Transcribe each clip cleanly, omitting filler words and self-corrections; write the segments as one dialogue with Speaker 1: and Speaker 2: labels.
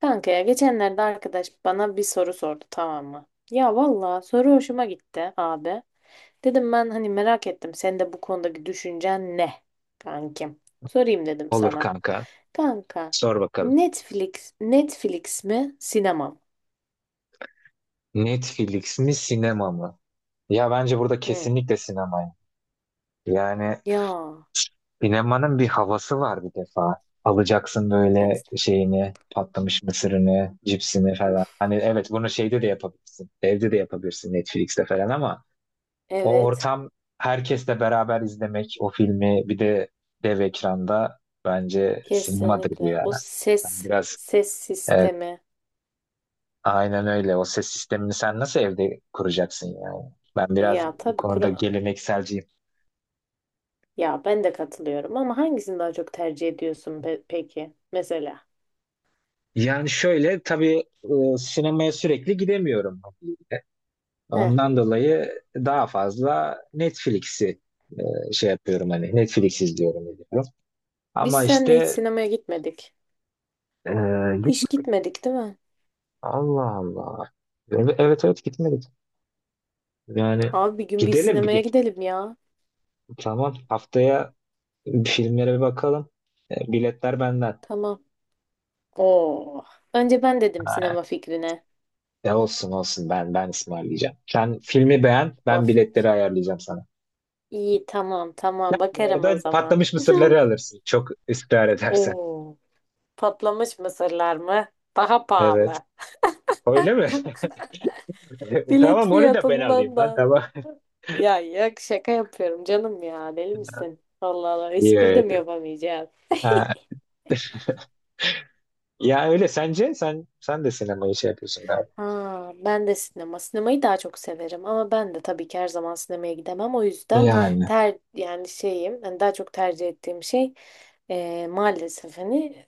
Speaker 1: Kanka ya geçenlerde arkadaş bana bir soru sordu tamam mı? Ya valla soru hoşuma gitti abi. Dedim ben hani merak ettim senin de bu konudaki düşüncen ne kankim? Sorayım dedim
Speaker 2: Olur
Speaker 1: sana.
Speaker 2: kanka.
Speaker 1: Kanka
Speaker 2: Sor bakalım.
Speaker 1: Netflix mi sinema mı?
Speaker 2: Netflix mi sinema mı? Ya bence burada
Speaker 1: Hı.
Speaker 2: kesinlikle sinema. Yani
Speaker 1: Ya
Speaker 2: sinemanın bir havası var bir defa. Alacaksın böyle
Speaker 1: et,
Speaker 2: şeyini, patlamış mısırını, cipsini falan.
Speaker 1: uf
Speaker 2: Hani evet bunu şeyde de yapabilirsin. Evde de yapabilirsin Netflix'te falan ama o
Speaker 1: evet
Speaker 2: ortam herkesle beraber izlemek o filmi bir de dev ekranda bence sinemadır bu
Speaker 1: kesinlikle
Speaker 2: yani.
Speaker 1: o
Speaker 2: Ben
Speaker 1: ses
Speaker 2: biraz
Speaker 1: ses
Speaker 2: e,
Speaker 1: sistemi
Speaker 2: Aynen öyle. O ses sistemini sen nasıl evde kuracaksın yani? Ben biraz
Speaker 1: ya
Speaker 2: bu
Speaker 1: tabii
Speaker 2: konuda gelenekselciyim.
Speaker 1: ya ben de katılıyorum ama hangisini daha çok tercih ediyorsun peki mesela?
Speaker 2: Yani şöyle tabii, sinemaya sürekli gidemiyorum. E,
Speaker 1: Heh.
Speaker 2: Ondan dolayı daha fazla Netflix'i, şey yapıyorum hani Netflix izliyorum ediyorum.
Speaker 1: Biz
Speaker 2: Ama
Speaker 1: seninle hiç
Speaker 2: işte
Speaker 1: sinemaya gitmedik.
Speaker 2: e,
Speaker 1: Hiç
Speaker 2: gitmedik.
Speaker 1: gitmedik değil mi?
Speaker 2: Allah Allah. Evet evet evet, gitmedik. Yani
Speaker 1: Abi bir gün bir
Speaker 2: gidelim bir
Speaker 1: sinemaya
Speaker 2: gün.
Speaker 1: gidelim ya.
Speaker 2: Tamam haftaya filmlere bir bakalım. E, biletler benden.
Speaker 1: Tamam. Oo. Önce ben dedim sinema fikrine.
Speaker 2: Ya olsun olsun ben ısmarlayacağım. Sen filmi beğen, ben
Speaker 1: Of.
Speaker 2: biletleri ayarlayacağım sana.
Speaker 1: İyi tamam tamam
Speaker 2: Yani
Speaker 1: bakarım o
Speaker 2: orada
Speaker 1: zaman.
Speaker 2: patlamış mısırları alırsın. Çok ısrar edersen.
Speaker 1: Oo. Patlamış mısırlar mı? Daha
Speaker 2: Evet.
Speaker 1: pahalı.
Speaker 2: Öyle mi?
Speaker 1: Bilet
Speaker 2: Tamam onu da ben alayım
Speaker 1: fiyatından
Speaker 2: lan
Speaker 1: da.
Speaker 2: tamam.
Speaker 1: Ya yok şaka yapıyorum canım ya. Deli misin? Allah Allah
Speaker 2: İyi
Speaker 1: espri
Speaker 2: öyle.
Speaker 1: de mi yapamayacağız?
Speaker 2: Ha, ya öyle sence sen de sinemayı şey yapıyorsun galiba.
Speaker 1: Ha, ben de sinema. Sinemayı daha çok severim ama ben de tabii ki her zaman sinemaya gidemem. O yüzden
Speaker 2: Yani.
Speaker 1: ter yani şeyim hani daha çok tercih ettiğim şey maalesef hani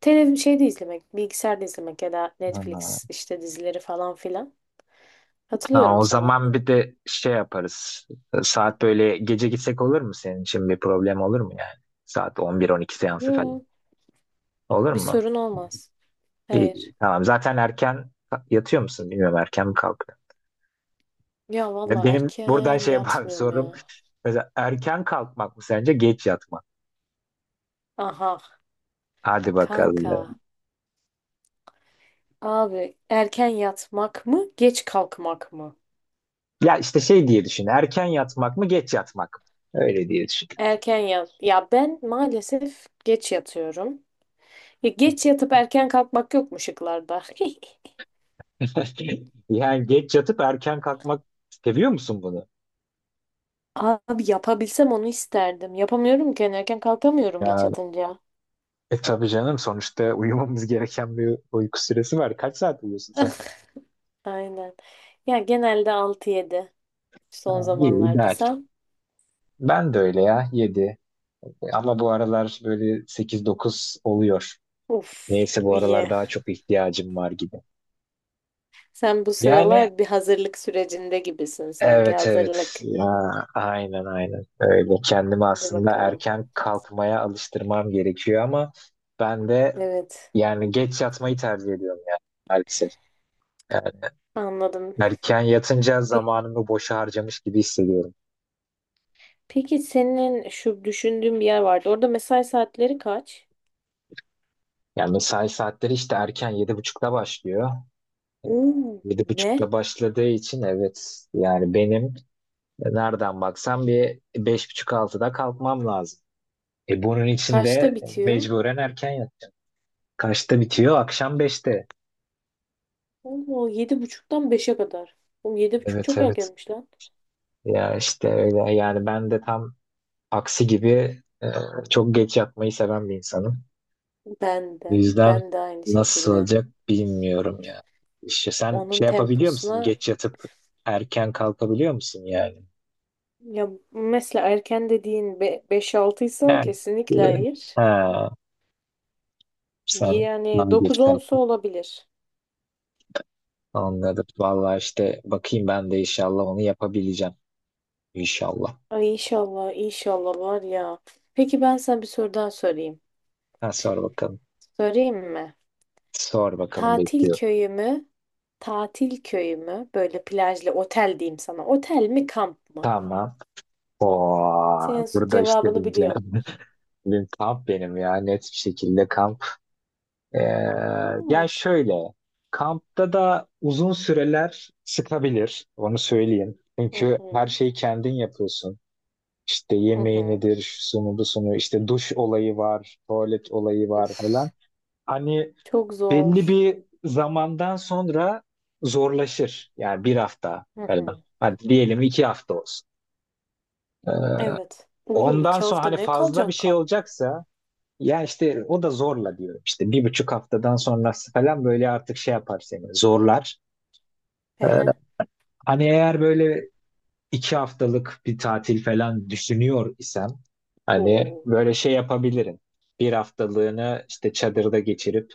Speaker 1: televizyon şeyde izlemek, bilgisayarda izlemek ya da
Speaker 2: Ha.
Speaker 1: Netflix işte dizileri falan filan.
Speaker 2: Ha,
Speaker 1: Katılıyorum
Speaker 2: o
Speaker 1: sana.
Speaker 2: zaman bir de şey yaparız. Saat böyle gece gitsek olur mu senin için bir problem olur mu yani? Saat 11-12 seansı falan.
Speaker 1: Yo,
Speaker 2: Olur
Speaker 1: bir
Speaker 2: mu?
Speaker 1: sorun olmaz.
Speaker 2: İyi,
Speaker 1: Hayır.
Speaker 2: tamam. Zaten erken yatıyor musun bilmiyorum. Erken mi kalkıyor?
Speaker 1: Ya
Speaker 2: Ve
Speaker 1: valla
Speaker 2: benim buradan
Speaker 1: erken
Speaker 2: şey yapar
Speaker 1: yatmıyorum
Speaker 2: sorum.
Speaker 1: ya.
Speaker 2: Mesela erken kalkmak mı sence geç yatmak?
Speaker 1: Aha
Speaker 2: Hadi bakalım.
Speaker 1: kanka. Abi erken yatmak mı, geç kalkmak mı?
Speaker 2: Ya işte şey diye düşün. Erken yatmak mı geç yatmak mı? Öyle diye düşün.
Speaker 1: Erken yat. Ya ben maalesef geç yatıyorum. Ya geç yatıp erken kalkmak yok mu şıklarda?
Speaker 2: Yani geç yatıp erken kalkmak seviyor musun bunu?
Speaker 1: Abi yapabilsem onu isterdim. Yapamıyorum ki. Yani erken kalkamıyorum geç
Speaker 2: Ya
Speaker 1: yatınca.
Speaker 2: e tabii canım sonuçta uyumamız gereken bir uyku süresi var. Kaç saat uyuyorsun sen?
Speaker 1: Aynen. Ya genelde 6-7.
Speaker 2: Ha,
Speaker 1: Son
Speaker 2: iyi,
Speaker 1: zamanlarda
Speaker 2: ideal.
Speaker 1: sen.
Speaker 2: Ben de öyle ya 7. Ama bu aralar böyle sekiz dokuz oluyor.
Speaker 1: Uf
Speaker 2: Neyse bu aralar
Speaker 1: iyi.
Speaker 2: daha çok ihtiyacım var gibi.
Speaker 1: Sen bu
Speaker 2: Yani
Speaker 1: sıralar bir hazırlık sürecinde gibisin sanki.
Speaker 2: evet evet
Speaker 1: Hazırlık.
Speaker 2: ya, aynen aynen öyle. Kendimi
Speaker 1: Hadi
Speaker 2: aslında
Speaker 1: bakalım.
Speaker 2: erken kalkmaya alıştırmam gerekiyor ama ben de
Speaker 1: Evet.
Speaker 2: yani geç yatmayı tercih ediyorum yani maalesef. Yani
Speaker 1: Anladım.
Speaker 2: erken yatınca
Speaker 1: Pe-
Speaker 2: zamanımı boşa harcamış gibi hissediyorum.
Speaker 1: Peki senin şu düşündüğün bir yer vardı. Orada mesai saatleri kaç?
Speaker 2: Yani mesai saatleri işte erken 7.30'da başlıyor.
Speaker 1: Oo,
Speaker 2: Yedi
Speaker 1: ne?
Speaker 2: buçukta başladığı için evet yani benim nereden baksam bir beş buçuk altıda kalkmam lazım. E bunun için
Speaker 1: Kaçta
Speaker 2: de
Speaker 1: bitiyor?
Speaker 2: mecburen erken yat. Kaçta bitiyor? Akşam 5'te.
Speaker 1: Oo, 7.30'dan beşe kadar. Oğlum 7.30
Speaker 2: Evet
Speaker 1: çok
Speaker 2: evet.
Speaker 1: erkenmiş lan.
Speaker 2: Ya işte öyle yani ben de tam aksi gibi e, çok geç yatmayı seven bir insanım.
Speaker 1: Ben
Speaker 2: O
Speaker 1: de.
Speaker 2: yüzden
Speaker 1: Ben de aynı
Speaker 2: nasıl
Speaker 1: şekilde.
Speaker 2: olacak bilmiyorum ya. İşte sen
Speaker 1: Onun
Speaker 2: şey yapabiliyor musun?
Speaker 1: temposuna
Speaker 2: Geç yatıp erken kalkabiliyor musun yani?
Speaker 1: ya mesela erken dediğin 5-6 ise
Speaker 2: Yani e,
Speaker 1: kesinlikle hayır.
Speaker 2: ha, sen
Speaker 1: Yani
Speaker 2: daha geç
Speaker 1: dokuz onsa
Speaker 2: kalktın.
Speaker 1: olabilir.
Speaker 2: Anladım. Vallahi işte bakayım ben de inşallah onu yapabileceğim. İnşallah.
Speaker 1: Ay inşallah inşallah var ya. Peki ben sana bir soru daha sorayım.
Speaker 2: Ha, sor bakalım.
Speaker 1: Sorayım mı?
Speaker 2: Sor bakalım
Speaker 1: Tatil
Speaker 2: bekliyor.
Speaker 1: köyü mü? Tatil köyü mü? Böyle plajlı otel diyeyim sana. Otel mi kamp mı?
Speaker 2: Tamam. O
Speaker 1: Senin
Speaker 2: burada işte
Speaker 1: cevabını
Speaker 2: deyince
Speaker 1: biliyorum.
Speaker 2: benim kamp benim ya net bir şekilde kamp. Ee, yani
Speaker 1: Aa,
Speaker 2: şöyle kampta da uzun süreler sıkabilir onu söyleyeyim.
Speaker 1: hı
Speaker 2: Çünkü her
Speaker 1: hı.
Speaker 2: şeyi kendin yapıyorsun. İşte
Speaker 1: Hı
Speaker 2: yemeği
Speaker 1: hı.
Speaker 2: nedir, şusunu busunu, işte duş olayı var, tuvalet olayı var falan.
Speaker 1: Uf.
Speaker 2: Hani
Speaker 1: Çok
Speaker 2: belli
Speaker 1: zor.
Speaker 2: bir zamandan sonra zorlaşır. Yani bir hafta
Speaker 1: Hı
Speaker 2: falan.
Speaker 1: hı.
Speaker 2: Hadi diyelim 2 hafta olsun. Ee,
Speaker 1: Evet. Oğlum
Speaker 2: Ondan
Speaker 1: iki
Speaker 2: sonra
Speaker 1: hafta
Speaker 2: hani
Speaker 1: ne
Speaker 2: fazla bir
Speaker 1: kalacaksın
Speaker 2: şey
Speaker 1: kampta?
Speaker 2: olacaksa ya işte o da zorla diyorum. İşte 1,5 haftadan sonrası falan böyle artık şey yapar seni zorlar.
Speaker 1: Hı
Speaker 2: Ee,
Speaker 1: hı.
Speaker 2: hani eğer böyle 2 haftalık bir tatil falan düşünüyor isem hani
Speaker 1: Oo,
Speaker 2: böyle şey yapabilirim. Bir haftalığını işte çadırda geçirip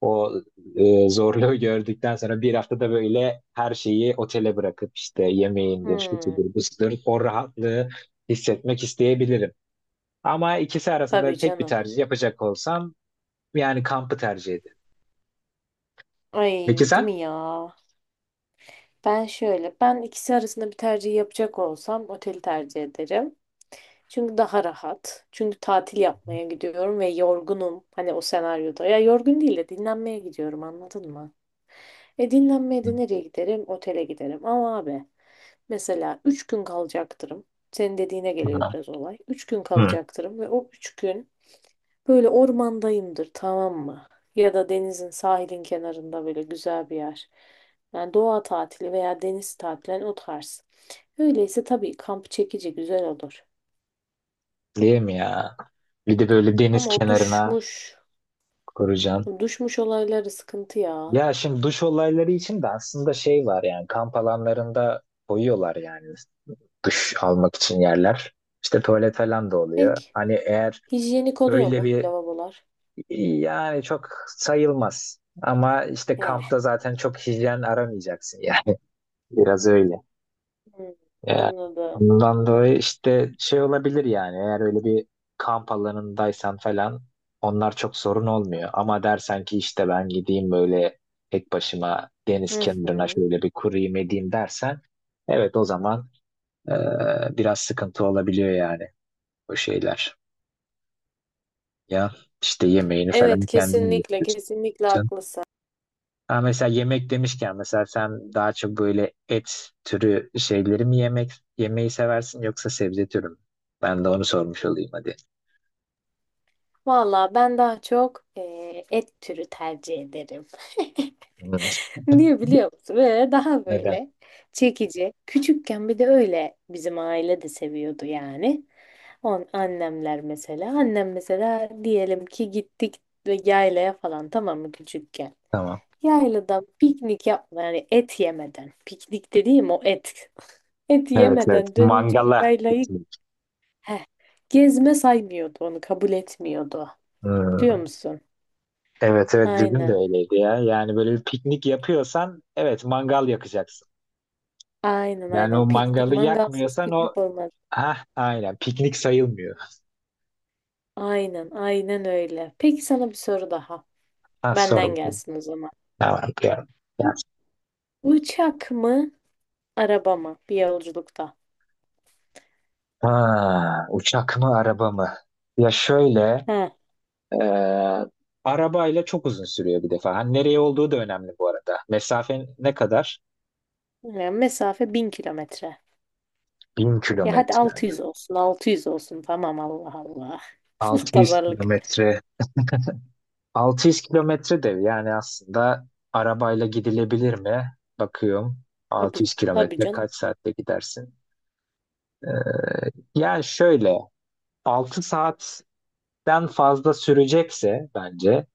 Speaker 2: o zorluğu gördükten sonra bir haftada böyle her şeyi otele bırakıp işte yemeğindir, şu
Speaker 1: hmm,
Speaker 2: budur, bu budur, o rahatlığı hissetmek isteyebilirim. Ama ikisi arasında
Speaker 1: tabii
Speaker 2: tek bir
Speaker 1: canım.
Speaker 2: tercih yapacak olsam yani kampı tercih ederim.
Speaker 1: Ay,
Speaker 2: Peki
Speaker 1: değil
Speaker 2: sen?
Speaker 1: mi ya? Ben şöyle, ben ikisi arasında bir tercih yapacak olsam oteli tercih ederim. Çünkü daha rahat. Çünkü tatil yapmaya gidiyorum ve yorgunum. Hani o senaryoda. Ya yorgun değil de dinlenmeye gidiyorum anladın mı? E dinlenmeye
Speaker 2: Hı.
Speaker 1: de nereye giderim? Otele giderim. Ama abi mesela 3 gün kalacaktırım. Senin dediğine geliyor biraz olay. 3 gün
Speaker 2: Hı.
Speaker 1: kalacaktırım ve o 3 gün böyle ormandayımdır tamam mı? Ya da denizin sahilin kenarında böyle güzel bir yer. Yani doğa tatili veya deniz tatili yani o tarz. Öyleyse tabii kamp çekici güzel olur.
Speaker 2: Değil mi ya? Bir de böyle deniz
Speaker 1: Ama
Speaker 2: kenarına kuracaksın.
Speaker 1: o duşmuş olayları sıkıntı ya.
Speaker 2: Ya şimdi duş olayları için de aslında şey var yani kamp alanlarında koyuyorlar yani duş almak için yerler. İşte tuvalet falan da oluyor.
Speaker 1: Peki
Speaker 2: Hani eğer
Speaker 1: hijyenik oluyor
Speaker 2: öyle
Speaker 1: mu
Speaker 2: bir
Speaker 1: lavabolar?
Speaker 2: yani çok sayılmaz. Ama işte
Speaker 1: Eh,
Speaker 2: kampta zaten çok hijyen aramayacaksın yani. Biraz öyle.
Speaker 1: hmm,
Speaker 2: Yani
Speaker 1: anladım.
Speaker 2: ondan dolayı işte şey olabilir yani eğer öyle bir kamp alanındaysan falan onlar çok sorun olmuyor. Ama dersen ki işte ben gideyim böyle tek başıma deniz
Speaker 1: Hı
Speaker 2: kenarına
Speaker 1: hı.
Speaker 2: şöyle bir kurayım edeyim dersen evet o zaman, biraz sıkıntı olabiliyor yani o şeyler. Ya işte yemeğini
Speaker 1: Evet
Speaker 2: falan kendin
Speaker 1: kesinlikle
Speaker 2: yapıyorsun.
Speaker 1: kesinlikle haklısın.
Speaker 2: Ha, mesela yemek demişken mesela sen daha çok böyle et türü şeyleri mi yemek yemeyi seversin yoksa sebze türü mü? Ben de onu sormuş olayım hadi.
Speaker 1: Valla ben daha çok et türü tercih ederim.
Speaker 2: Hmm,
Speaker 1: Niye biliyor musun? Böyle daha
Speaker 2: neden?
Speaker 1: böyle çekici. Küçükken bir de öyle bizim aile de seviyordu yani. Annemler mesela. Annem mesela diyelim ki gittik ve yaylaya falan tamam mı küçükken.
Speaker 2: Tamam.
Speaker 1: Yaylada piknik yapma yani et yemeden. Piknik dediğim o et. Et
Speaker 2: Evet evet.
Speaker 1: yemeden dönünce o
Speaker 2: Mangala
Speaker 1: yaylayı...
Speaker 2: gitmek.
Speaker 1: Heh. Gezme saymıyordu onu kabul etmiyordu. Biliyor
Speaker 2: Hmm,
Speaker 1: musun?
Speaker 2: evet evet bizim de
Speaker 1: Aynen.
Speaker 2: öyleydi ya. Yani böyle bir piknik yapıyorsan evet mangal yakacaksın.
Speaker 1: Aynen
Speaker 2: Yani o
Speaker 1: aynen. Piknik
Speaker 2: mangalı
Speaker 1: mangalsız
Speaker 2: yakmıyorsan o
Speaker 1: piknik olmaz.
Speaker 2: ha aynen piknik sayılmıyor.
Speaker 1: Aynen aynen öyle. Peki sana bir soru daha.
Speaker 2: Ha sor
Speaker 1: Benden
Speaker 2: bakayım.
Speaker 1: gelsin o zaman.
Speaker 2: Tamam. Ya, ya.
Speaker 1: Uçak mı araba mı bir yolculukta?
Speaker 2: Ha, uçak mı araba mı? Ya şöyle
Speaker 1: He.
Speaker 2: Ee, arabayla çok uzun sürüyor bir defa. Hani nereye olduğu da önemli bu arada. Mesafen ne kadar?
Speaker 1: Yani mesafe 1.000 kilometre.
Speaker 2: 1000
Speaker 1: Ya hadi
Speaker 2: kilometre.
Speaker 1: 600 olsun 600 olsun tamam Allah Allah.
Speaker 2: 600
Speaker 1: Pazarlık.
Speaker 2: kilometre. 600 kilometre de yani aslında arabayla gidilebilir mi? Bakıyorum. Altı
Speaker 1: Tabii,
Speaker 2: yüz
Speaker 1: tabii
Speaker 2: kilometre
Speaker 1: canım.
Speaker 2: kaç saatte gidersin? Ee, yani şöyle 6 saatten fazla sürecekse bence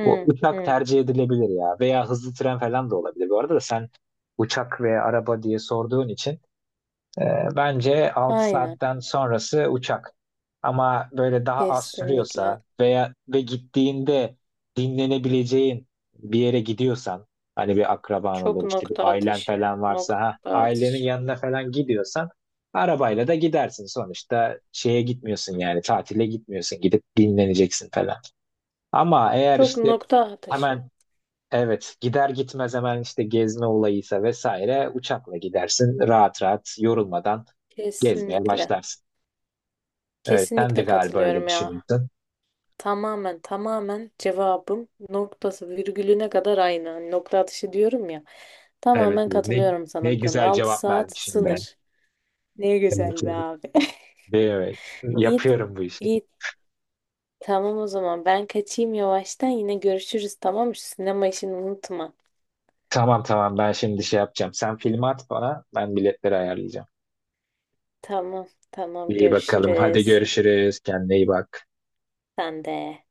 Speaker 2: o uçak
Speaker 1: hı.
Speaker 2: tercih edilebilir ya veya hızlı tren falan da olabilir. Bu arada da sen uçak veya araba diye sorduğun için bence altı
Speaker 1: Aynen
Speaker 2: saatten sonrası uçak. Ama böyle daha az
Speaker 1: kesinlikle.
Speaker 2: sürüyorsa veya ve gittiğinde dinlenebileceğin bir yere gidiyorsan hani bir akraban
Speaker 1: Çok
Speaker 2: olur işte bir
Speaker 1: nokta
Speaker 2: ailen
Speaker 1: atışı.
Speaker 2: falan varsa ha
Speaker 1: Nokta
Speaker 2: ailenin
Speaker 1: atışı.
Speaker 2: yanına falan gidiyorsan arabayla da gidersin sonuçta şeye gitmiyorsun yani tatile gitmiyorsun gidip dinleneceksin falan. Ama eğer
Speaker 1: Çok
Speaker 2: işte
Speaker 1: nokta atışı.
Speaker 2: hemen. Evet, gider gitmez hemen işte gezme olayıysa vesaire uçakla gidersin. Rahat rahat yorulmadan gezmeye
Speaker 1: Kesinlikle.
Speaker 2: başlarsın. Evet, sen de
Speaker 1: Kesinlikle
Speaker 2: galiba
Speaker 1: katılıyorum
Speaker 2: öyle
Speaker 1: ya.
Speaker 2: düşünüyorsun.
Speaker 1: Tamamen tamamen cevabım noktası virgülüne kadar aynı. Hani nokta atışı diyorum ya.
Speaker 2: Evet,
Speaker 1: Tamamen
Speaker 2: evet. ne,
Speaker 1: katılıyorum
Speaker 2: ne
Speaker 1: sana bu konuda.
Speaker 2: güzel
Speaker 1: 6
Speaker 2: cevap
Speaker 1: saat
Speaker 2: vermişim ben.
Speaker 1: sınır. Ne
Speaker 2: Evet,
Speaker 1: güzel be
Speaker 2: evet.
Speaker 1: abi.
Speaker 2: Evet,
Speaker 1: İyi,
Speaker 2: yapıyorum bu işi.
Speaker 1: iyi. Tamam o zaman ben kaçayım yavaştan yine görüşürüz tamam mı? Şu sinema işini unutma.
Speaker 2: Tamam tamam ben şimdi şey yapacağım. Sen filmi at bana, ben biletleri ayarlayacağım.
Speaker 1: Tamam tamam
Speaker 2: İyi bakalım. Hadi
Speaker 1: görüşürüz.
Speaker 2: görüşürüz. Kendine iyi bak.
Speaker 1: Sen de.